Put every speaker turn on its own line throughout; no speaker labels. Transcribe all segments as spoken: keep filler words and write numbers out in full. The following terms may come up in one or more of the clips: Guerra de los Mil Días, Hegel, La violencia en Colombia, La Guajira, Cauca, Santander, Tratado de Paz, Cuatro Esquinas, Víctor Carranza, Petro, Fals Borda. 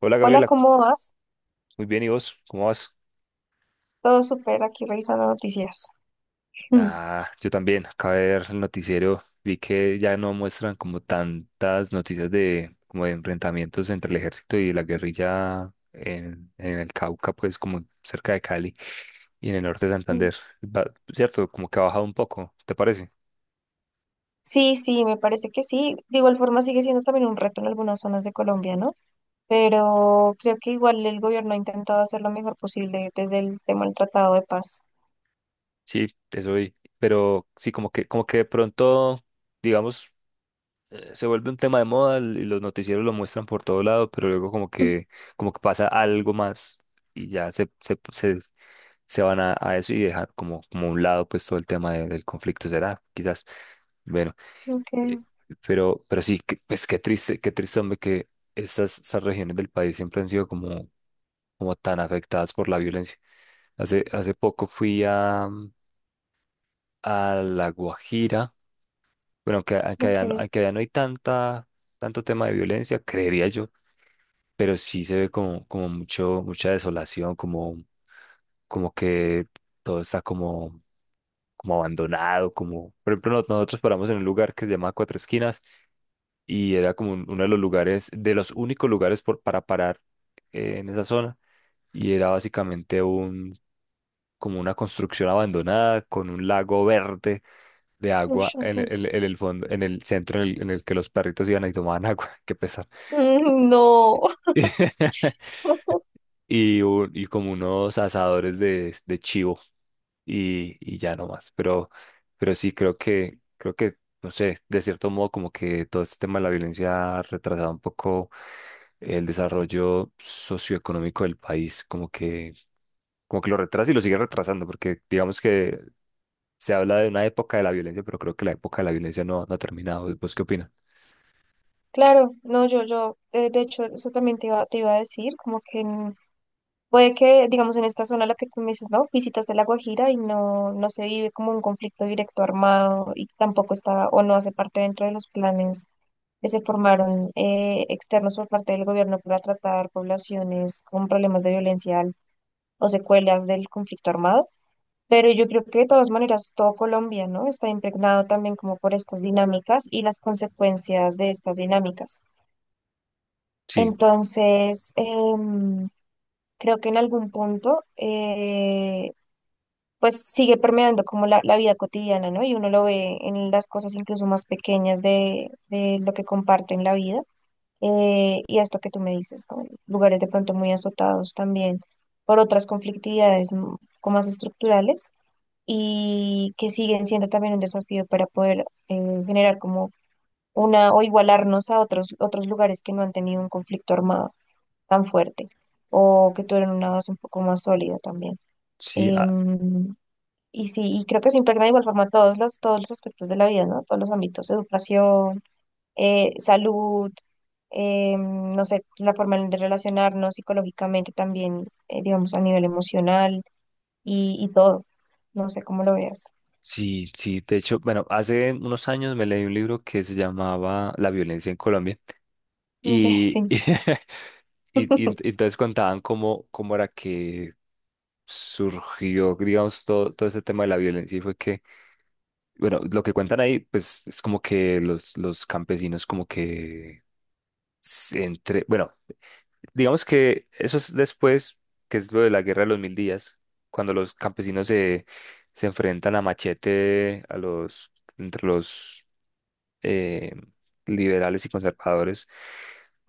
Hola
Hola,
Gabriela,
¿cómo vas?
muy bien, ¿y vos? ¿Cómo vas?
Todo súper, aquí revisando noticias. Mm.
Ah, yo también, acabé de ver el noticiero, vi que ya no muestran como tantas noticias de como de enfrentamientos entre el ejército y la guerrilla en, en el Cauca, pues como cerca de Cali y en el norte de
Mm.
Santander. Va- cierto, como que ha bajado un poco, ¿te parece?
Sí, sí, me parece que sí. De igual forma sigue siendo también un reto en algunas zonas de Colombia, ¿no? Pero creo que igual el gobierno ha intentado hacer lo mejor posible desde el tema del Tratado de Paz.
Sí, eso vi, pero sí, como que, como que, de pronto, digamos, eh, se vuelve un tema de moda y los noticieros lo muestran por todo lado, pero luego como
Mm.
que, como que pasa algo más y ya se, se, se, se van a, a eso y dejan como, como a un lado pues todo el tema de- del conflicto, será, quizás. Bueno,
Ok,
eh, pero, pero sí, que- pues qué triste, qué triste, hombre, que estas, estas regiones del país siempre han sido como, como tan afectadas por la violencia. Hace, hace poco fui a, a La Guajira. Bueno, que, a- que allá,
ok,
no- que allá no hay tanta, tanto tema de violencia, creería yo, pero sí se ve como, como mucho, mucha desolación, como, como que todo está como, como abandonado, como, por ejemplo, no- nosotros paramos en un lugar que se llama Cuatro Esquinas y era como un- uno de los lugares, de los únicos lugares por, para parar, eh, en esa zona, y era básicamente un, como una construcción abandonada con un lago verde de
ush,
agua en el,
ok.
en el- en el fondo, en el centro, en el, en el que los perritos iban y tomaban agua, qué pesar.
Mm. No.
Y, un- y como unos asadores de, de chivo y, y ya no más. Pero, pero sí creo que, creo que, no sé, de cierto modo como que todo este tema de la violencia ha retrasado un poco el desarrollo socioeconómico del país, como que, como que lo retrasa y lo sigue retrasando, porque digamos que se habla de una época de la violencia, pero creo que la época de la violencia no, no ha terminado. ¿Vos qué opinas?
Claro, no, yo, yo, eh, de hecho, eso también te iba, te iba a decir, como que... mm, Puede que, digamos, en esta zona la que tú me dices, ¿no? Visitas de La Guajira y no, no se vive como un conflicto directo armado y tampoco está o no hace parte dentro de los planes que se formaron eh, externos por parte del gobierno para tratar poblaciones con problemas de violencia al- o secuelas del conflicto armado. Pero yo creo que de todas maneras todo Colombia, ¿no? Está impregnado también como por estas dinámicas y las consecuencias de estas dinámicas.
Sí,
Entonces, em, creo que en algún punto eh, pues sigue permeando como la, la vida cotidiana, ¿no? Y uno lo ve en las cosas incluso más pequeñas de, de lo que comparten la vida. Eh, y esto que tú me dices, ¿no? Lugares de pronto muy azotados también por otras conflictividades m- como más estructurales y que siguen siendo también un desafío para poder eh, generar como una o igualarnos a otros, otros lugares que no han tenido un conflicto armado tan fuerte o que tuvieron una base un poco más sólida también.
sí.
Em, y sí, y creo que se impregna de igual forma todos los, todos los aspectos de la vida, ¿no? Todos los ámbitos, educación, eh, salud, eh, no sé, la forma en de relacionarnos psicológicamente también, eh, digamos, a nivel emocional y, y todo. No sé cómo lo veas.
Sí, sí, de hecho, bueno, hace unos años me leí un libro que se llamaba La violencia en Colombia
Ok,
y, y,
sí.
y- y entonces contaban cómo, cómo era que surgió, digamos, todo, todo ese tema de la violencia y fue que, bueno, lo que cuentan ahí, pues es como que los, los campesinos como que se entre, bueno, digamos que eso es después, que es lo de la Guerra de los Mil Días, cuando los campesinos se, se enfrentan a machete a los, entre los, eh, liberales y conservadores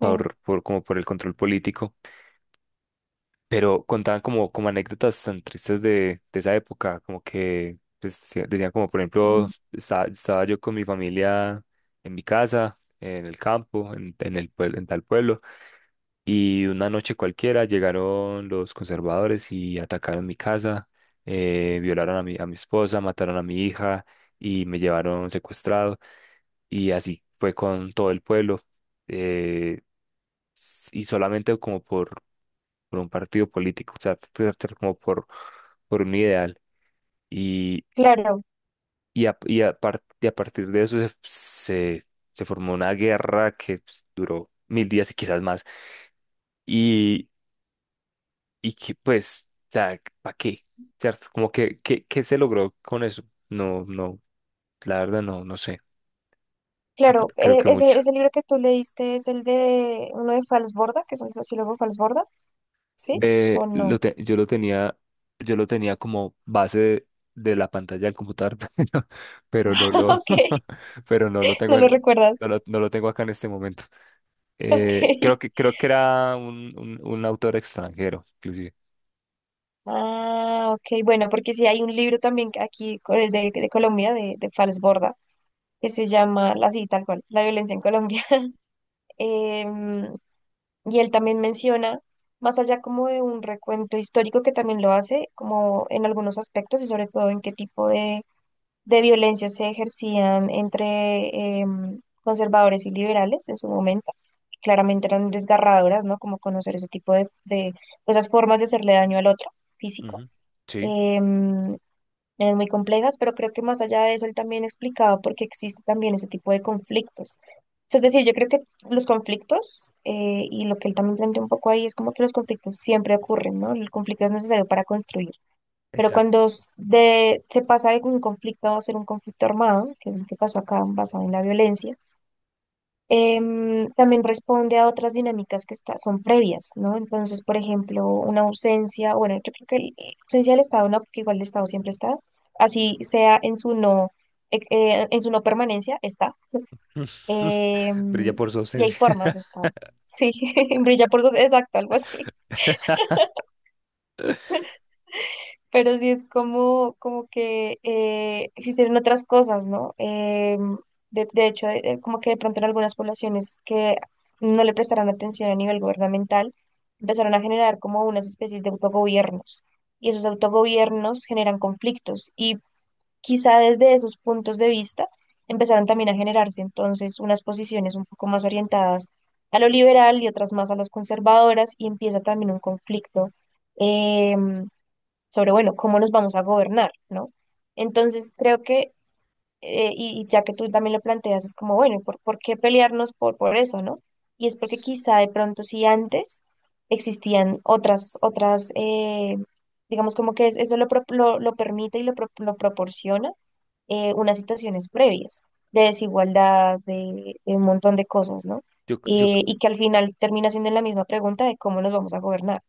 Sí,
por- como por el control político, pero contaban como, como anécdotas tan tristes de, de esa época, como que pues, decía- decían como, por ejemplo,
mm.
estaba, estaba yo con mi familia en mi casa, en el campo, en, en el, pueblo- en tal pueblo, y una noche cualquiera llegaron los conservadores y atacaron mi casa, eh, violaron a mi, a mi esposa, mataron a mi hija y me llevaron secuestrado. Y así fue con todo el pueblo. eh, s- y solamente como por, por un partido político, o sea, t- t- como por, por un ideal. Y,
Claro,
y, a, y, a par- y a partir de eso se, se, se formó una guerra que pues, duró mil días y quizás más. Y, y que pues, ¿para qué? ¿Cierto? Como que, qué ¿qué se logró con eso? No, no, la verdad no, no sé. No cre-
claro.
creo
Eh,
que
ese,
mucho.
ese libro que tú leíste es el de uno de Fals Borda, que es un sociólogo Fals Borda, ¿sí? ¿O
Eh, lo
no?
te- yo lo tenía, yo lo tenía como base de, de la pantalla del computador, pero, pero no lo,
Ok,
pero no lo
no
tengo,
lo
en- no
recuerdas.
lo, no lo tengo acá en este momento.
Ok.
Eh, creo que, creo que era un, un, un autor extranjero, inclusive.
Ah, ok, bueno, porque sí hay un libro también que aquí co- de, de Colombia, de, de Falsborda, que se llama, la sí, tal cual, La violencia en Colombia. Em, y él también menciona, más allá como de un recuento histórico que también lo hace, como en algunos aspectos y sobre todo en qué tipo de, de violencia se ejercían entre em, conservadores y liberales en su momento. Claramente eran desgarradoras, ¿no? Como conocer ese tipo de, de esas formas de hacerle daño al otro físico.
Ujú. Sí,
Em, Eran muy complejas, pero creo que más allá de eso, él también explicaba por qué existe también ese tipo de conflictos. O sea, es decir, yo creo que los conflictos, eh, y lo que él también plantea un poco ahí, es como que los conflictos siempre ocurren, ¿no? El conflicto es necesario para construir, pero
exacto.
cuando s- de, se pasa de un conflicto a ser un conflicto armado, que es lo que pasó acá basado en la violencia, em, también responde a otras dinámicas que está- son previas, ¿no? Entonces, por ejemplo, una ausencia, bueno, yo creo que el- la ausencia del Estado no, porque igual el Estado siempre está, así sea en su no, eh, eh, en su no permanencia, está.
Brilla
Em,
por su
y hay
ausencia.
formas de Estado. Sí, brilla por sus, exacto, algo así. Pero sí es como, como que eh, existieron otras cosas, ¿no? Eh, de, de hecho, eh, eh, como que de pronto en algunas poblaciones que no le prestaron atención a nivel gubernamental, empezaron a generar como unas especies de autogobiernos. Y esos autogobiernos generan conflictos. Y quizá desde esos puntos de vista empezaron también a generarse entonces unas posiciones un poco más orientadas a lo liberal y otras más a las conservadoras, y empieza también un conflicto. em, Sobre, bueno, cómo nos vamos a gobernar, ¿no? Entonces, creo que, eh, y, y ya que tú también lo planteas, es como, bueno, ¿por, por qué pelearnos por, por eso, ¿no? Y es porque quizá de pronto si antes existían otras, otras, eh, digamos como que es- eso lo, pro- lo, lo permite y lo, pro- lo proporciona eh, unas situaciones previas de desigualdad, de, de un montón de cosas, ¿no?
Yo, yo,
Eh, y que al final termina siendo la misma pregunta de cómo nos vamos a gobernar.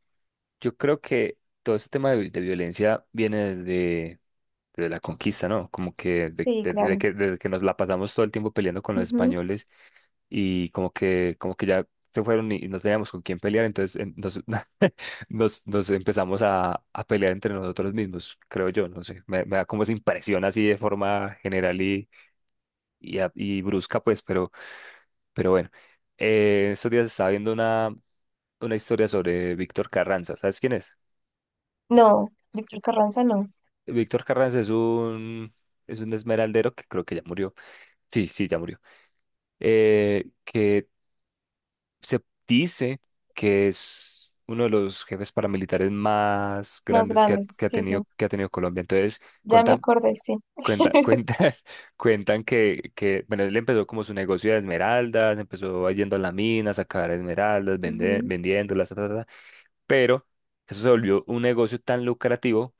yo creo que todo este tema de, vi- de violencia viene desde de, la conquista, ¿no? Como que de,
Sí,
de- de
claro.
que desde que nos la pasamos todo el tiempo peleando con los españoles y como que como que ya se fueron y, y no teníamos con quién pelear, entonces en- nos, nos, nos empezamos a, a pelear entre nosotros mismos, creo yo, no sé, me, me da como esa impresión así de forma general y, y, a- y brusca, pues, pero, pero bueno, eh, estos días estaba viendo una, una historia sobre Víctor Carranza, ¿sabes quién es?
No, Víctor Carranza no.
Víctor Carranza es un, es un esmeraldero que creo que ya murió. Sí, sí, ya murió, eh, que se dice que es uno de los jefes paramilitares más
Más
grandes que ha,
grandes,
que ha
sí, sí.
tenido, que ha tenido Colombia. Entonces,
Ya me
cuentan
acordé, sí.
cuenta, cuentan, cuentan que, que, bueno, él empezó como su negocio de esmeraldas, empezó yendo a la mina, a sacar esmeraldas, vende-
Ujú,
vendiéndolas, ta, ta, ta, pero eso se volvió un negocio tan lucrativo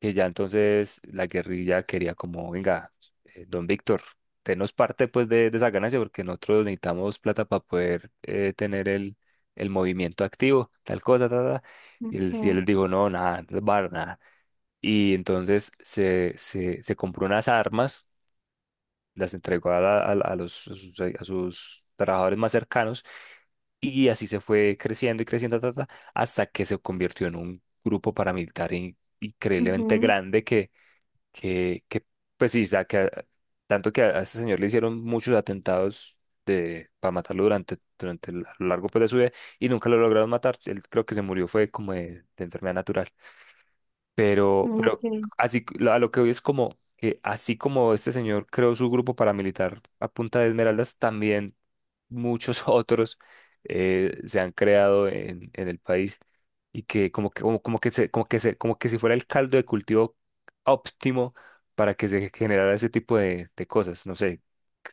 que ya entonces la guerrilla quería como, venga, eh, don Víctor, tenos parte pues de, de esa ganancia porque nosotros necesitamos plata para poder, eh, tener el, el movimiento activo, tal cosa, tal, tal. Y él, y él
ok,
les dijo, no, nada, no les va a dar nada. Y entonces se, se, se compró unas armas, las entregó a, la- a, la- a los, a sus, a sus, trabajadores más cercanos y así se fue creciendo y creciendo, ta, ta, ta, hasta que se convirtió en un grupo paramilitar in- increíblemente
ujú,
grande que que, que pues sí, o sea, que a- tanto que a, a este señor le hicieron muchos atentados de, para matarlo durante, durante el- a lo largo pues, de su vida y nunca lo lograron matar. Él creo que se murió fue como de, de enfermedad natural. Pero,
ok.
pero así c- lo- a lo que hoy es como que así como este señor creó su grupo paramilitar a punta de esmeraldas, también muchos otros, eh, se han creado en, en el país y que como que como, como que se, como que se, como que si fuera el caldo de cultivo óptimo para que se generara ese tipo de, de cosas. No sé,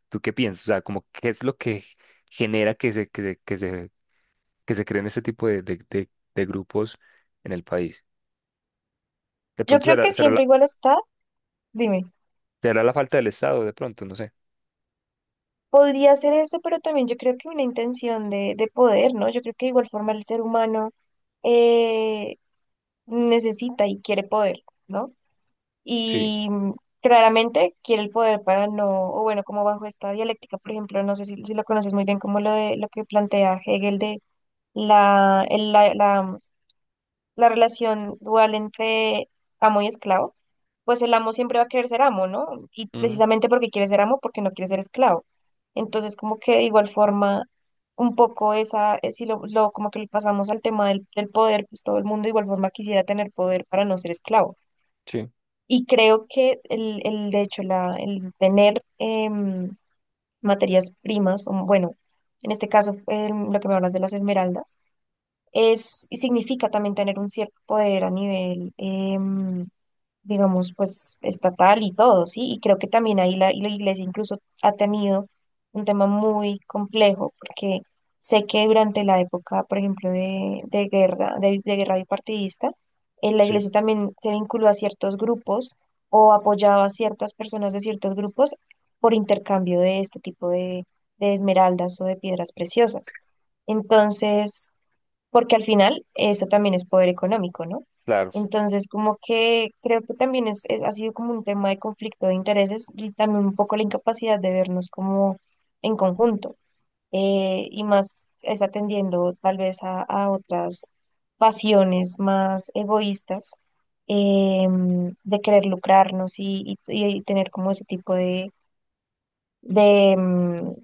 ¿tú qué piensas? O sea, como qué es lo que genera que se, que se, que se, que se creen este tipo de, de, de- de grupos en el país. De
Yo
pronto
creo
será,
que
será
siempre
la,
igual está, dime,
será la falta del Estado, de pronto, no sé.
podría ser eso, pero también yo creo que una intención de, de poder, ¿no? Yo creo que de igual forma el ser humano eh, necesita y quiere poder, ¿no?
Sí,
Y mm, claramente quiere el poder para no, o bueno, como bajo esta dialéctica, por ejemplo, no sé si, si lo conoces muy bien, como lo de lo que plantea Hegel de la, el- la, la, la relación dual entre amo y esclavo, pues el amo siempre va a querer ser amo, ¿no? Y
ujú,
precisamente porque quiere ser amo, porque no quiere ser esclavo. Entonces, como que de igual forma, un poco esa, eh, si lo, lo- como que lo pasamos al tema del, del poder, pues todo el mundo de igual forma quisiera tener poder para no ser esclavo.
sí,
Y creo que el, el de hecho, la, el tener em, materias primas, o bueno, en este caso, em, lo que me hablas de las esmeraldas, es, y significa también tener un cierto poder a nivel, em, digamos, pues estatal y todo, ¿sí? Y creo que también ahí la, y la iglesia incluso ha tenido un tema muy complejo, porque sé que durante la época, por ejemplo, de, de guerra, de, de guerra bipartidista, eh, la
sí,
iglesia también se vinculó a ciertos grupos o apoyaba a ciertas personas de ciertos grupos por intercambio de este tipo de, de esmeraldas o de piedras preciosas. Entonces, porque al final eso también es poder económico, ¿no?
claro.
Entonces, como que creo que también es, es- ha sido como un tema de conflicto de intereses y también un poco la incapacidad de vernos como en conjunto eh, y más es atendiendo tal vez a, a otras pasiones más egoístas em, de querer lucrarnos y, y- y tener como ese tipo de, de em,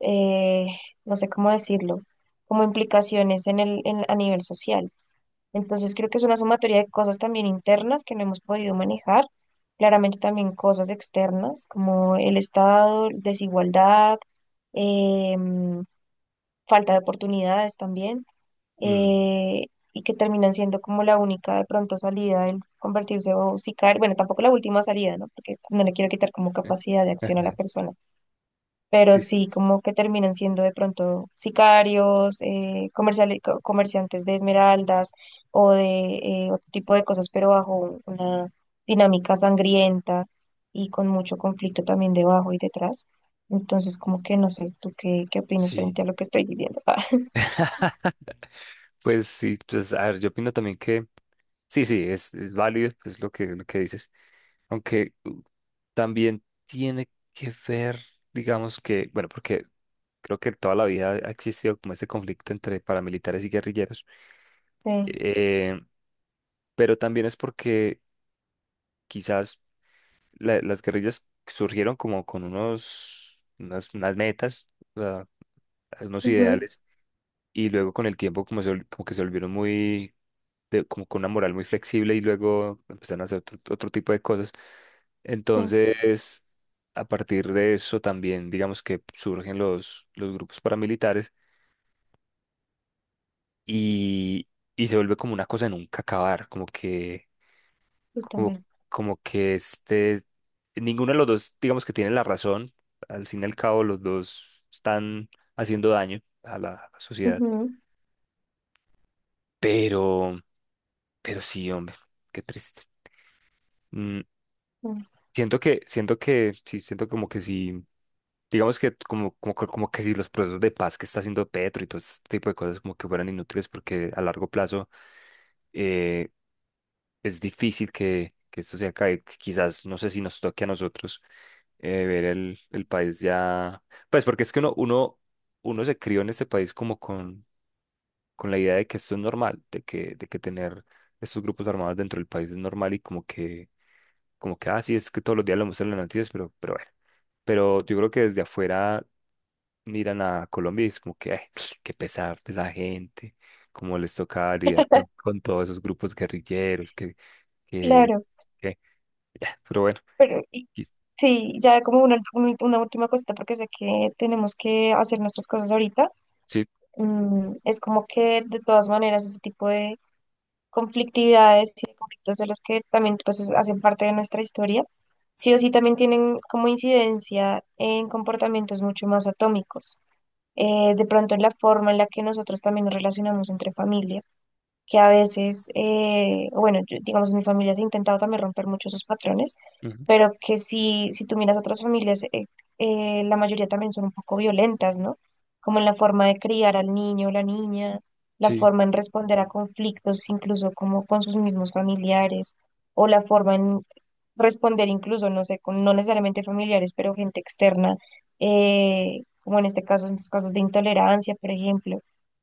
eh, no sé cómo decirlo, como implicaciones en el, en- a nivel social. Entonces creo que es una sumatoria de cosas también internas que no hemos podido manejar, claramente también cosas externas como el Estado, desigualdad, em, falta de oportunidades también,
Mm.
eh, y que terminan siendo como la única de pronto salida, el convertirse o si caer, bueno, tampoco la última salida, ¿no? Porque no le quiero quitar como capacidad de acción a la persona pero
Sí.
sí como que terminan siendo de pronto sicarios, eh, comerciali- co- comerciantes de esmeraldas o de eh, otro tipo de cosas, pero bajo una dinámica sangrienta y con mucho conflicto también debajo y detrás. Entonces, como que no sé, ¿tú qué, qué opinas
Sí.
frente a lo que estoy diciendo?
Pues sí, pues a ver, yo opino también que sí, sí, es, es, válido, pues lo que, lo que dices, aunque uh, también tiene que ver, digamos que, bueno, porque creo que toda la vida ha existido como este conflicto entre paramilitares y guerrilleros,
Sí,
eh, pero también es porque quizás la- las guerrillas surgieron como con unos, unas, unas metas, o sea, unos
ujú,
ideales, y luego con el tiempo como, se vol- como que se volvieron muy de- como con una moral muy flexible y luego empezaron a hacer otro, otro, tipo de cosas.
sí,
Entonces, a partir de eso también, digamos que surgen los, los grupos paramilitares y, y se vuelve como una cosa de nunca acabar, como que,
yo
como,
también.
como que este, ninguno de los dos, digamos que tiene la razón, al fin y al cabo los dos están haciendo daño a la, a la sociedad,
Ujú,
pero, pero sí, hombre, qué triste. Mm.
ujú.
Siento que, siento que, sí, siento como que sí, digamos que como, como, que- como que si los procesos de paz que está haciendo Petro y todo este tipo de cosas como que fueran inútiles porque a largo plazo, eh, es difícil que, que esto se acabe. Quizás, no sé si nos toque a nosotros, eh, ver el, el país ya, pues porque es que uno, uno, uno se crió en este país como con, con la idea de que esto es normal, de que, de que tener estos grupos armados dentro del país es normal y como que como que, ah, sí, es que todos los días lo muestran en las noticias, pero, pero bueno. Pero yo creo que desde afuera miran a Colombia y es como que, ay, qué pesar de esa gente, cómo les toca lidiar con, con todos esos grupos guerrilleros, que, que,
Claro,
que, ya, pero bueno,
pero y-
y
sí, ya como una, ult- un- una última cosita, porque sé que tenemos que hacer nuestras cosas ahorita.
sí,
Mm, es como que de todas maneras ese tipo de conflictividades y de conflictos de los que también pues es- hacen parte de nuestra historia, sí o sí también tienen como incidencia en comportamientos mucho más atómicos. Eh, de pronto en la forma en la que nosotros también nos relacionamos entre familias que a veces, eh, bueno, yo- digamos, en mi familia se ha intentado también romper muchos esos patrones,
ujú,
pero que si, si tú miras otras familias, eh, eh, la mayoría también son un poco violentas, ¿no? Como en la forma de criar al niño o la niña, la
sí,
forma en responder a conflictos, incluso como con sus mismos familiares, o la forma en responder incluso, no sé, con no necesariamente familiares, pero gente externa, eh, como en este caso, en estos casos de intolerancia, por ejemplo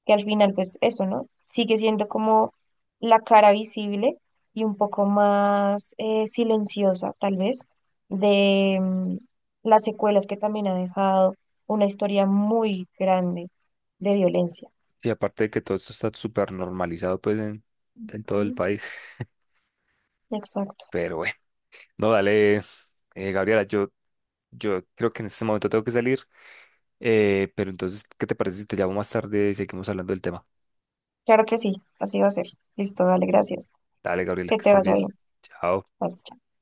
que al final, pues eso, ¿no? Sigue siendo como la cara visible y un poco más eh, silenciosa, tal vez, de mm, las secuelas que también ha dejado una historia muy grande de violencia.
y aparte de que todo esto está súper normalizado, pues, en, en todo el
Ujú.
país,
Exacto.
pero bueno, no, dale, eh, Gabriela, yo, yo creo que en este momento tengo que salir. Eh, pero entonces, ¿qué te parece si te llamo más tarde y seguimos hablando del tema?
Claro que sí, así va a ser. Listo, dale, gracias.
Dale, Gabriela,
Que
que
te
estés
vaya
bien.
bien.
Chao.
Bye.